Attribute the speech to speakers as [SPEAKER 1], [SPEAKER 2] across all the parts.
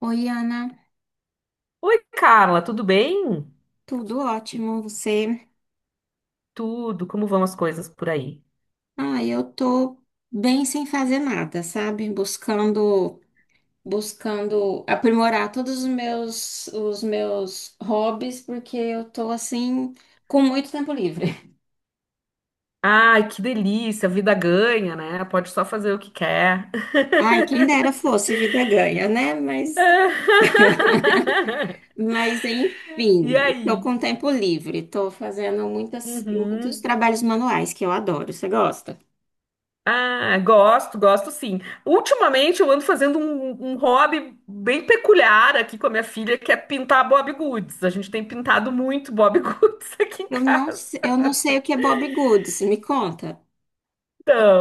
[SPEAKER 1] Oi, Ana,
[SPEAKER 2] Oi, Carla, tudo bem?
[SPEAKER 1] tudo ótimo, você?
[SPEAKER 2] Tudo, como vão as coisas por aí?
[SPEAKER 1] Ah, eu tô bem sem fazer nada, sabe? Buscando aprimorar os meus hobbies, porque eu tô assim com muito tempo livre.
[SPEAKER 2] Ai, que delícia, a vida ganha, né? Pode só fazer o que quer.
[SPEAKER 1] Ai, quem dera fosse, vida ganha, né? Mas
[SPEAKER 2] E
[SPEAKER 1] enfim, tô
[SPEAKER 2] aí?
[SPEAKER 1] com tempo livre, tô fazendo muitos
[SPEAKER 2] Uhum.
[SPEAKER 1] trabalhos manuais que eu adoro. Você gosta?
[SPEAKER 2] Ah, gosto, gosto sim. Ultimamente eu ando fazendo um hobby bem peculiar aqui com a minha filha, que é pintar Bob Goods. A gente tem pintado muito Bob Goods aqui em casa.
[SPEAKER 1] Eu não sei o que é Bob Goods, me conta.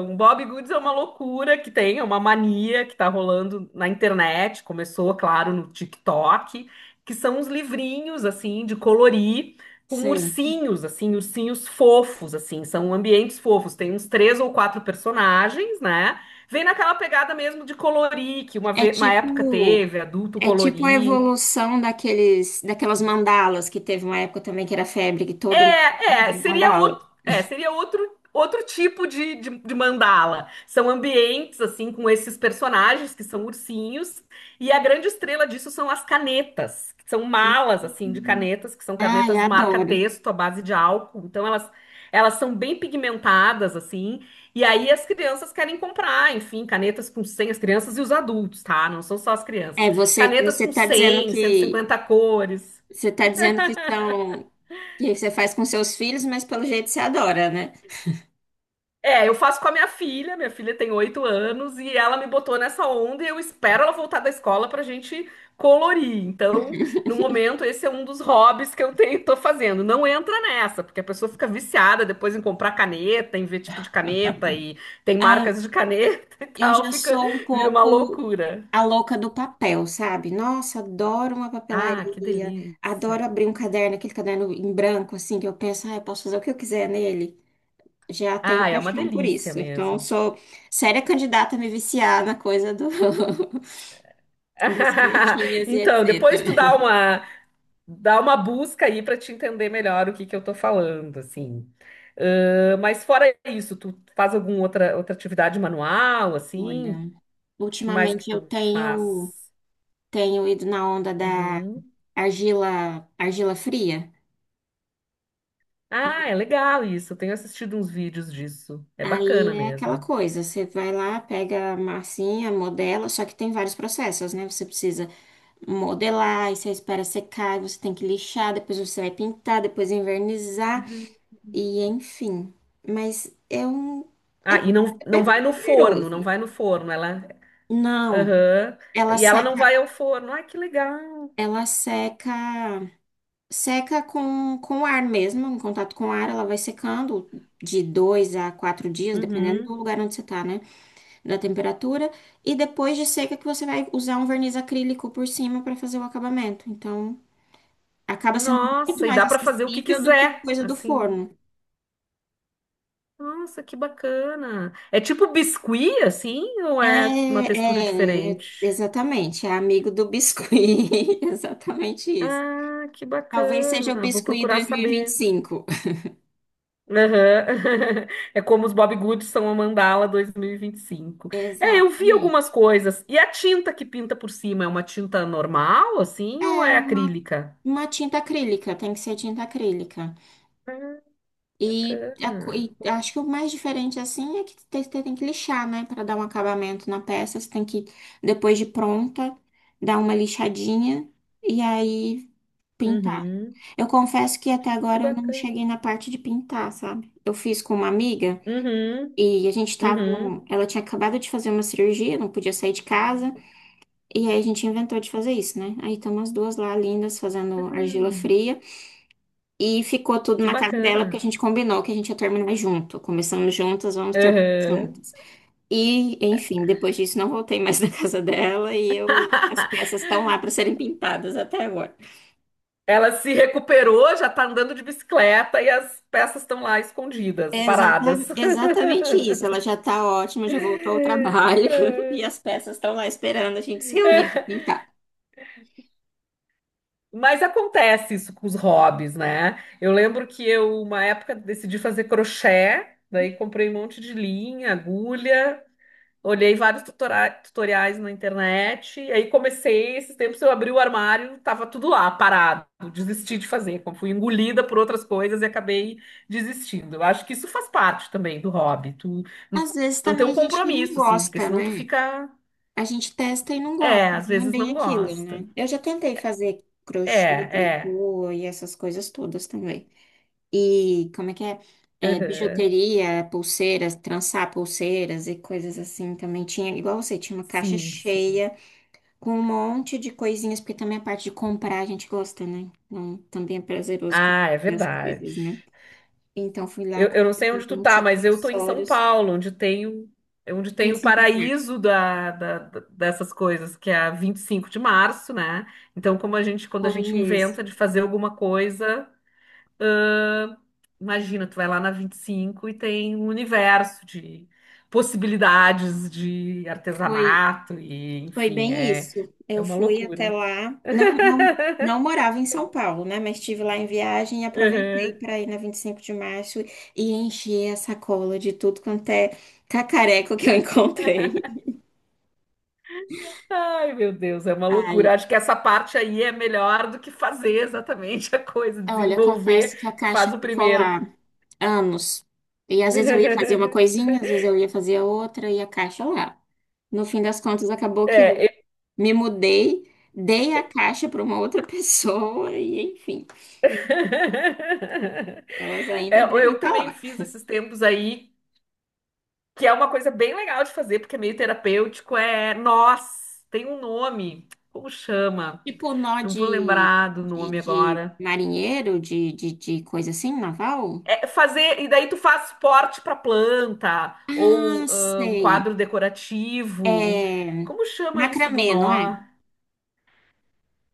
[SPEAKER 2] Um Bob Goods é uma loucura que tem, é uma mania que está rolando na internet, começou, claro, no TikTok, que são uns livrinhos, assim, de colorir, com
[SPEAKER 1] Certo.
[SPEAKER 2] ursinhos, assim, ursinhos fofos, assim, são ambientes fofos, tem uns três ou quatro personagens, né? Vem naquela pegada mesmo de colorir, que
[SPEAKER 1] É
[SPEAKER 2] uma época
[SPEAKER 1] tipo,
[SPEAKER 2] teve, adulto
[SPEAKER 1] é tipo a
[SPEAKER 2] colorir.
[SPEAKER 1] evolução daquelas mandalas que teve uma época também que era febre, que todo
[SPEAKER 2] É, é,
[SPEAKER 1] mundo
[SPEAKER 2] seria outro,
[SPEAKER 1] mandala.
[SPEAKER 2] é, seria outro, outro tipo de mandala. São ambientes, assim, com esses personagens que são ursinhos, e a grande estrela disso são as canetas, que são malas, assim, de
[SPEAKER 1] Uhum.
[SPEAKER 2] canetas, que são
[SPEAKER 1] Ai,
[SPEAKER 2] canetas
[SPEAKER 1] adoro.
[SPEAKER 2] marca-texto à base de álcool. Então, elas são bem pigmentadas, assim, e aí as crianças querem comprar, enfim, canetas com 100, as crianças e os adultos, tá? Não são só as crianças.
[SPEAKER 1] É, você
[SPEAKER 2] Canetas
[SPEAKER 1] você
[SPEAKER 2] com
[SPEAKER 1] tá dizendo
[SPEAKER 2] cem, cento e
[SPEAKER 1] que
[SPEAKER 2] cinquenta cores.
[SPEAKER 1] você tá dizendo que são que você faz com seus filhos, mas pelo jeito você adora, né?
[SPEAKER 2] É, eu faço com a minha filha tem 8 anos e ela me botou nessa onda e eu espero ela voltar da escola pra gente colorir. Então, no momento, esse é um dos hobbies que eu tenho, tô fazendo. Não entra nessa, porque a pessoa fica viciada depois em comprar caneta, em ver tipo de caneta e tem
[SPEAKER 1] Ah, eu,
[SPEAKER 2] marcas de caneta e
[SPEAKER 1] eu já
[SPEAKER 2] tal,
[SPEAKER 1] sou um
[SPEAKER 2] vira uma
[SPEAKER 1] pouco
[SPEAKER 2] loucura.
[SPEAKER 1] a louca do papel, sabe? Nossa, adoro uma
[SPEAKER 2] Ah, que
[SPEAKER 1] papelaria, adoro
[SPEAKER 2] delícia.
[SPEAKER 1] abrir um caderno, aquele caderno em branco assim que eu penso, ah, eu posso fazer o que eu quiser nele. Já
[SPEAKER 2] Ah,
[SPEAKER 1] tenho
[SPEAKER 2] é uma
[SPEAKER 1] paixão por
[SPEAKER 2] delícia
[SPEAKER 1] isso. Então, eu
[SPEAKER 2] mesmo.
[SPEAKER 1] sou séria candidata a me viciar na dos canetinhas e
[SPEAKER 2] Então, depois
[SPEAKER 1] etc.
[SPEAKER 2] tu dá uma, Dá uma busca aí para te entender melhor o que que eu tô falando, assim. Mas fora isso, tu faz alguma outra atividade manual, assim?
[SPEAKER 1] Olha,
[SPEAKER 2] Que mais que
[SPEAKER 1] ultimamente eu
[SPEAKER 2] tu
[SPEAKER 1] tenho,
[SPEAKER 2] faz?
[SPEAKER 1] tenho ido na onda da
[SPEAKER 2] Uhum.
[SPEAKER 1] argila fria.
[SPEAKER 2] Ah, é legal isso. Eu tenho assistido uns vídeos disso. É bacana
[SPEAKER 1] Aí é aquela
[SPEAKER 2] mesmo.
[SPEAKER 1] coisa, você vai lá, pega a massinha, modela, só que tem vários processos, né? Você precisa modelar, aí você espera secar, aí você tem que lixar, depois você vai pintar, depois envernizar. E enfim, mas é,
[SPEAKER 2] Ah, e não,
[SPEAKER 1] é
[SPEAKER 2] não vai
[SPEAKER 1] bem
[SPEAKER 2] no forno,
[SPEAKER 1] poderoso.
[SPEAKER 2] não vai no forno. Ela.
[SPEAKER 1] Não,
[SPEAKER 2] Aham.
[SPEAKER 1] ela
[SPEAKER 2] E ela não
[SPEAKER 1] seca,
[SPEAKER 2] vai ao forno. Ai, que legal.
[SPEAKER 1] ela seca, seca com ar mesmo, em contato com ar, ela vai secando de dois a quatro dias, dependendo do
[SPEAKER 2] Uhum.
[SPEAKER 1] lugar onde você tá, né? Da temperatura. E depois de seca que você vai usar um verniz acrílico por cima para fazer o acabamento. Então, acaba sendo muito
[SPEAKER 2] Nossa, e
[SPEAKER 1] mais
[SPEAKER 2] dá para fazer o que
[SPEAKER 1] acessível do que a
[SPEAKER 2] quiser,
[SPEAKER 1] coisa do
[SPEAKER 2] assim.
[SPEAKER 1] forno.
[SPEAKER 2] Nossa, que bacana. É tipo biscuit, assim, ou é uma textura diferente?
[SPEAKER 1] Exatamente, é amigo do biscuit, exatamente isso.
[SPEAKER 2] Ah, que
[SPEAKER 1] Talvez seja o
[SPEAKER 2] bacana. Vou
[SPEAKER 1] biscuit
[SPEAKER 2] procurar
[SPEAKER 1] dois mil e vinte e
[SPEAKER 2] saber.
[SPEAKER 1] cinco.
[SPEAKER 2] Aham. É como os Bob Goods são a Mandala 2025. É, eu vi
[SPEAKER 1] Exatamente.
[SPEAKER 2] algumas coisas. E a tinta que pinta por cima é uma tinta normal, assim, ou
[SPEAKER 1] É
[SPEAKER 2] é
[SPEAKER 1] uma,
[SPEAKER 2] acrílica?
[SPEAKER 1] uma tinta acrílica, tem que ser tinta acrílica.
[SPEAKER 2] Ah, bacana.
[SPEAKER 1] E acho que o mais diferente assim é que você tem que lixar, né, para dar um acabamento na peça. Depois de pronta, dar uma lixadinha e aí pintar.
[SPEAKER 2] Uhum.
[SPEAKER 1] Eu confesso que até
[SPEAKER 2] Que
[SPEAKER 1] agora eu não
[SPEAKER 2] bacana.
[SPEAKER 1] cheguei na parte de pintar, sabe? Eu fiz com uma amiga.
[SPEAKER 2] Uhum.
[SPEAKER 1] E a gente tava
[SPEAKER 2] Uhum.
[SPEAKER 1] num... Ela tinha acabado de fazer uma cirurgia, não podia sair de casa. E aí a gente inventou de fazer isso, né? Aí estamos as duas lá, lindas, fazendo argila
[SPEAKER 2] Uhum.
[SPEAKER 1] fria. E ficou tudo
[SPEAKER 2] Que
[SPEAKER 1] na casa dela, porque a
[SPEAKER 2] bacana.
[SPEAKER 1] gente combinou que a gente ia terminar junto. Começamos juntas, vamos terminar
[SPEAKER 2] Aham.
[SPEAKER 1] juntas. E, enfim, depois disso não voltei mais na casa dela. E eu... As peças estão lá para serem pintadas até agora.
[SPEAKER 2] Ela se recuperou, já tá andando de bicicleta e as peças estão lá escondidas, paradas.
[SPEAKER 1] Exatamente isso. Ela já tá ótima, já voltou ao trabalho. E as peças estão lá esperando a gente se reunir para pintar.
[SPEAKER 2] Mas acontece isso com os hobbies, né? Eu lembro que eu, uma época, decidi fazer crochê, daí comprei um monte de linha, agulha. Olhei vários tutoriais na internet, e aí comecei, esses tempos eu abri o armário, tava tudo lá, parado, desisti de fazer, como fui engolida por outras coisas e acabei desistindo. Eu acho que isso faz parte também do hobby, tu n-
[SPEAKER 1] Às vezes
[SPEAKER 2] não tem
[SPEAKER 1] também
[SPEAKER 2] um
[SPEAKER 1] a gente não
[SPEAKER 2] compromisso, assim, porque
[SPEAKER 1] gosta,
[SPEAKER 2] senão tu
[SPEAKER 1] né? A gente testa e não gosta,
[SPEAKER 2] às
[SPEAKER 1] não é
[SPEAKER 2] vezes
[SPEAKER 1] bem
[SPEAKER 2] não
[SPEAKER 1] aquilo,
[SPEAKER 2] gosta.
[SPEAKER 1] né? Eu já tentei fazer
[SPEAKER 2] É,
[SPEAKER 1] crochê,
[SPEAKER 2] é,
[SPEAKER 1] tricô e essas coisas todas também. E como é que é? É,
[SPEAKER 2] aham,
[SPEAKER 1] bijuteria, pulseiras, trançar pulseiras e coisas assim também. Tinha, igual você, tinha uma caixa
[SPEAKER 2] sim, sim.
[SPEAKER 1] cheia com um monte de coisinhas, porque também a parte de comprar a gente gosta, né? Então também é prazeroso
[SPEAKER 2] Ah, é
[SPEAKER 1] comprar as
[SPEAKER 2] verdade.
[SPEAKER 1] coisas, né? Então fui lá,
[SPEAKER 2] Eu não sei
[SPEAKER 1] comprei
[SPEAKER 2] onde
[SPEAKER 1] um
[SPEAKER 2] tu tá,
[SPEAKER 1] monte de
[SPEAKER 2] mas eu tô em São
[SPEAKER 1] acessórios,
[SPEAKER 2] Paulo, é onde tem
[SPEAKER 1] vinte e
[SPEAKER 2] o
[SPEAKER 1] cinco de
[SPEAKER 2] paraíso dessas coisas, que é a 25 de Março, né? Então, quando a
[SPEAKER 1] maio,
[SPEAKER 2] gente
[SPEAKER 1] conheço.
[SPEAKER 2] inventa de fazer alguma coisa, imagina, tu vai lá na 25 e tem um universo de possibilidades de
[SPEAKER 1] Foi,
[SPEAKER 2] artesanato e,
[SPEAKER 1] foi
[SPEAKER 2] enfim,
[SPEAKER 1] bem
[SPEAKER 2] é,
[SPEAKER 1] isso.
[SPEAKER 2] é
[SPEAKER 1] Eu
[SPEAKER 2] uma
[SPEAKER 1] fui até
[SPEAKER 2] loucura.
[SPEAKER 1] lá, não morava em São Paulo, né? Mas estive lá em viagem e aproveitei para ir na 25 de março e encher a sacola de tudo quanto é cacareco que eu encontrei.
[SPEAKER 2] Ai, meu Deus, é uma
[SPEAKER 1] Ai,
[SPEAKER 2] loucura. Acho que essa parte aí é melhor do que fazer exatamente a coisa,
[SPEAKER 1] olha,
[SPEAKER 2] desenvolver.
[SPEAKER 1] confesso que a
[SPEAKER 2] Tu
[SPEAKER 1] caixa
[SPEAKER 2] faz o
[SPEAKER 1] ficou
[SPEAKER 2] primeiro.
[SPEAKER 1] lá anos. E às vezes eu ia fazer uma coisinha, às vezes eu ia fazer outra e a caixa lá. No fim das contas, acabou que
[SPEAKER 2] É,
[SPEAKER 1] eu
[SPEAKER 2] eu...
[SPEAKER 1] me mudei, dei a caixa para uma outra pessoa e, enfim, elas
[SPEAKER 2] É,
[SPEAKER 1] ainda devem
[SPEAKER 2] eu
[SPEAKER 1] estar
[SPEAKER 2] também
[SPEAKER 1] lá.
[SPEAKER 2] fiz esses tempos aí, que é uma coisa bem legal de fazer, porque é meio terapêutico, é nós, tem um nome, como chama?
[SPEAKER 1] Tipo nó
[SPEAKER 2] Não vou lembrar do nome
[SPEAKER 1] de
[SPEAKER 2] agora.
[SPEAKER 1] marinheiro, de coisa assim, naval?
[SPEAKER 2] É fazer, e daí tu faz suporte para planta,
[SPEAKER 1] Ah,
[SPEAKER 2] ou um
[SPEAKER 1] sei.
[SPEAKER 2] quadro
[SPEAKER 1] É
[SPEAKER 2] decorativo. Como chama isso do
[SPEAKER 1] macramê, não é?
[SPEAKER 2] nó?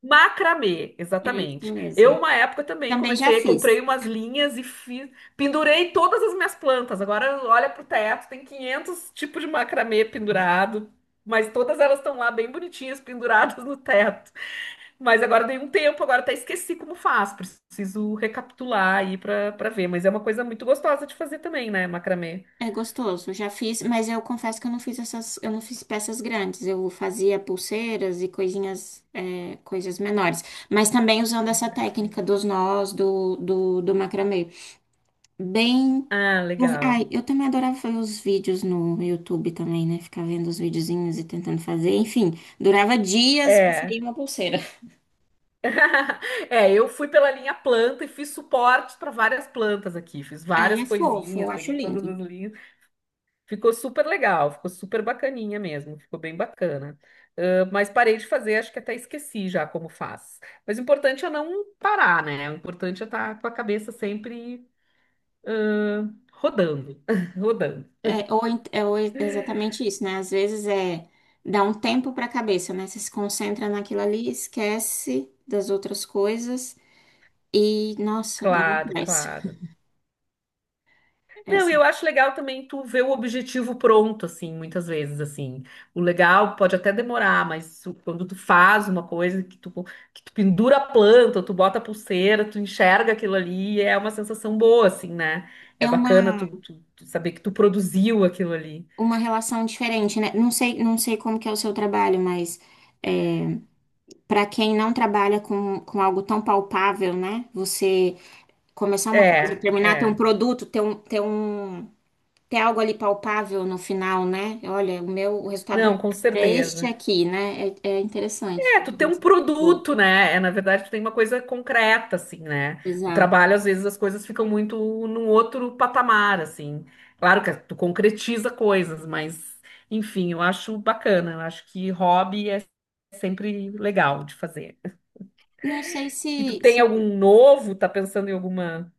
[SPEAKER 2] Macramê,
[SPEAKER 1] É isso
[SPEAKER 2] exatamente. Eu,
[SPEAKER 1] mesmo.
[SPEAKER 2] uma época também
[SPEAKER 1] Também já
[SPEAKER 2] comecei,
[SPEAKER 1] fiz.
[SPEAKER 2] comprei umas linhas e fiz, pendurei todas as minhas plantas. Agora olha pro teto, tem 500 tipos de macramê pendurado, mas todas elas estão lá bem bonitinhas, penduradas no teto. Mas agora dei um tempo, agora até esqueci como faz. Preciso recapitular aí pra, ver. Mas é uma coisa muito gostosa de fazer também, né, macramê?
[SPEAKER 1] É gostoso, já fiz, mas eu confesso que eu não fiz peças grandes, eu fazia pulseiras e coisinhas, é, coisas menores, mas também usando essa técnica dos nós, do macramê. Bem,
[SPEAKER 2] Ah, legal.
[SPEAKER 1] eu também adorava fazer os vídeos no YouTube também, né? Ficar vendo os videozinhos e tentando fazer, enfim, durava dias pra sair
[SPEAKER 2] É.
[SPEAKER 1] uma pulseira.
[SPEAKER 2] É, eu fui pela linha planta e fiz suporte para várias plantas aqui. Fiz
[SPEAKER 1] Aí
[SPEAKER 2] várias
[SPEAKER 1] é fofo, eu
[SPEAKER 2] coisinhas,
[SPEAKER 1] acho
[SPEAKER 2] peguei todas
[SPEAKER 1] lindo.
[SPEAKER 2] as linhas. Ficou super legal, ficou super bacaninha mesmo. Ficou bem bacana. Ah, mas parei de fazer, acho que até esqueci já como faz. Mas o importante é não parar, né? O importante é estar com a cabeça sempre rodando, rodando.
[SPEAKER 1] É ou exatamente isso, né? Às vezes dá um tempo para a cabeça, né? Você se concentra naquilo ali, esquece das outras coisas e, nossa, dá uma
[SPEAKER 2] Claro,
[SPEAKER 1] paz.
[SPEAKER 2] claro. Não, e
[SPEAKER 1] Essa.
[SPEAKER 2] eu acho legal também tu ver o objetivo pronto, assim, muitas vezes, assim. O legal pode até demorar, mas quando tu faz uma coisa que tu pendura a planta, tu bota a pulseira, tu enxerga aquilo ali, é uma sensação boa, assim, né? É
[SPEAKER 1] É
[SPEAKER 2] bacana
[SPEAKER 1] uma,
[SPEAKER 2] tu saber que tu produziu aquilo ali.
[SPEAKER 1] uma relação diferente, né? Não sei como que é o seu trabalho, mas é, para quem não trabalha com algo tão palpável, né? Você começar uma coisa,
[SPEAKER 2] É,
[SPEAKER 1] terminar, ter um
[SPEAKER 2] é.
[SPEAKER 1] produto, tem algo ali palpável no final, né? Olha, o resultado do meu
[SPEAKER 2] Não, com
[SPEAKER 1] trabalho é este
[SPEAKER 2] certeza.
[SPEAKER 1] aqui, né? É, é interessante.
[SPEAKER 2] É, tu tem um
[SPEAKER 1] Boa,
[SPEAKER 2] produto, né? É, na verdade, tu tem uma coisa concreta, assim, né? O
[SPEAKER 1] exato.
[SPEAKER 2] trabalho, às vezes, as coisas ficam muito num outro patamar, assim. Claro que tu concretiza coisas, mas, enfim, eu acho bacana. Eu acho que hobby é sempre legal de fazer.
[SPEAKER 1] Não sei
[SPEAKER 2] E tu
[SPEAKER 1] se,
[SPEAKER 2] tem
[SPEAKER 1] se...
[SPEAKER 2] algum novo? Tá pensando em alguma?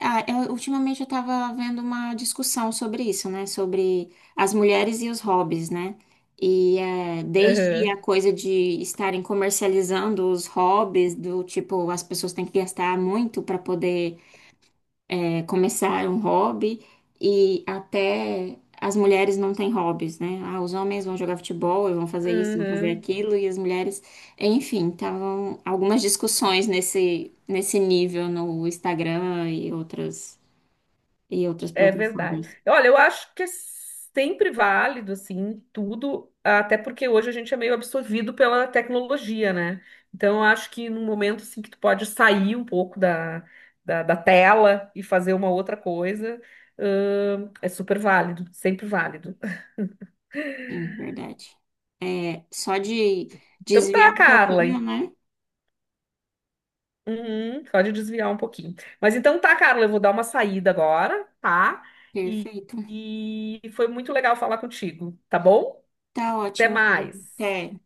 [SPEAKER 1] Ah, ultimamente eu estava vendo uma discussão sobre isso, né? Sobre as mulheres e os hobbies, né? E é, desde
[SPEAKER 2] Aham,
[SPEAKER 1] a coisa de estarem comercializando os hobbies, do tipo, as pessoas têm que gastar muito para poder é, começar um hobby e até as mulheres não têm hobbies, né? Ah, os homens vão jogar futebol, e vão fazer isso, vão fazer
[SPEAKER 2] uhum.
[SPEAKER 1] aquilo, e as mulheres, enfim, estavam algumas discussões nesse nível no Instagram e outras
[SPEAKER 2] É verdade.
[SPEAKER 1] plataformas.
[SPEAKER 2] Olha, eu acho que é sempre válido, assim, tudo, até porque hoje a gente é meio absorvido pela tecnologia, né? Então, eu acho que num momento, assim, que tu pode sair um pouco da, tela e fazer uma outra coisa, é super válido, sempre válido.
[SPEAKER 1] Sim, verdade. É, só de
[SPEAKER 2] Então tá,
[SPEAKER 1] desviar um
[SPEAKER 2] Carla.
[SPEAKER 1] pouquinho, né?
[SPEAKER 2] Uhum, pode desviar um pouquinho. Mas então tá, Carla, eu vou dar uma saída agora, tá? E,
[SPEAKER 1] Perfeito.
[SPEAKER 2] e foi muito legal falar contigo, tá bom?
[SPEAKER 1] Tá
[SPEAKER 2] Até
[SPEAKER 1] ótimo.
[SPEAKER 2] mais.
[SPEAKER 1] Até.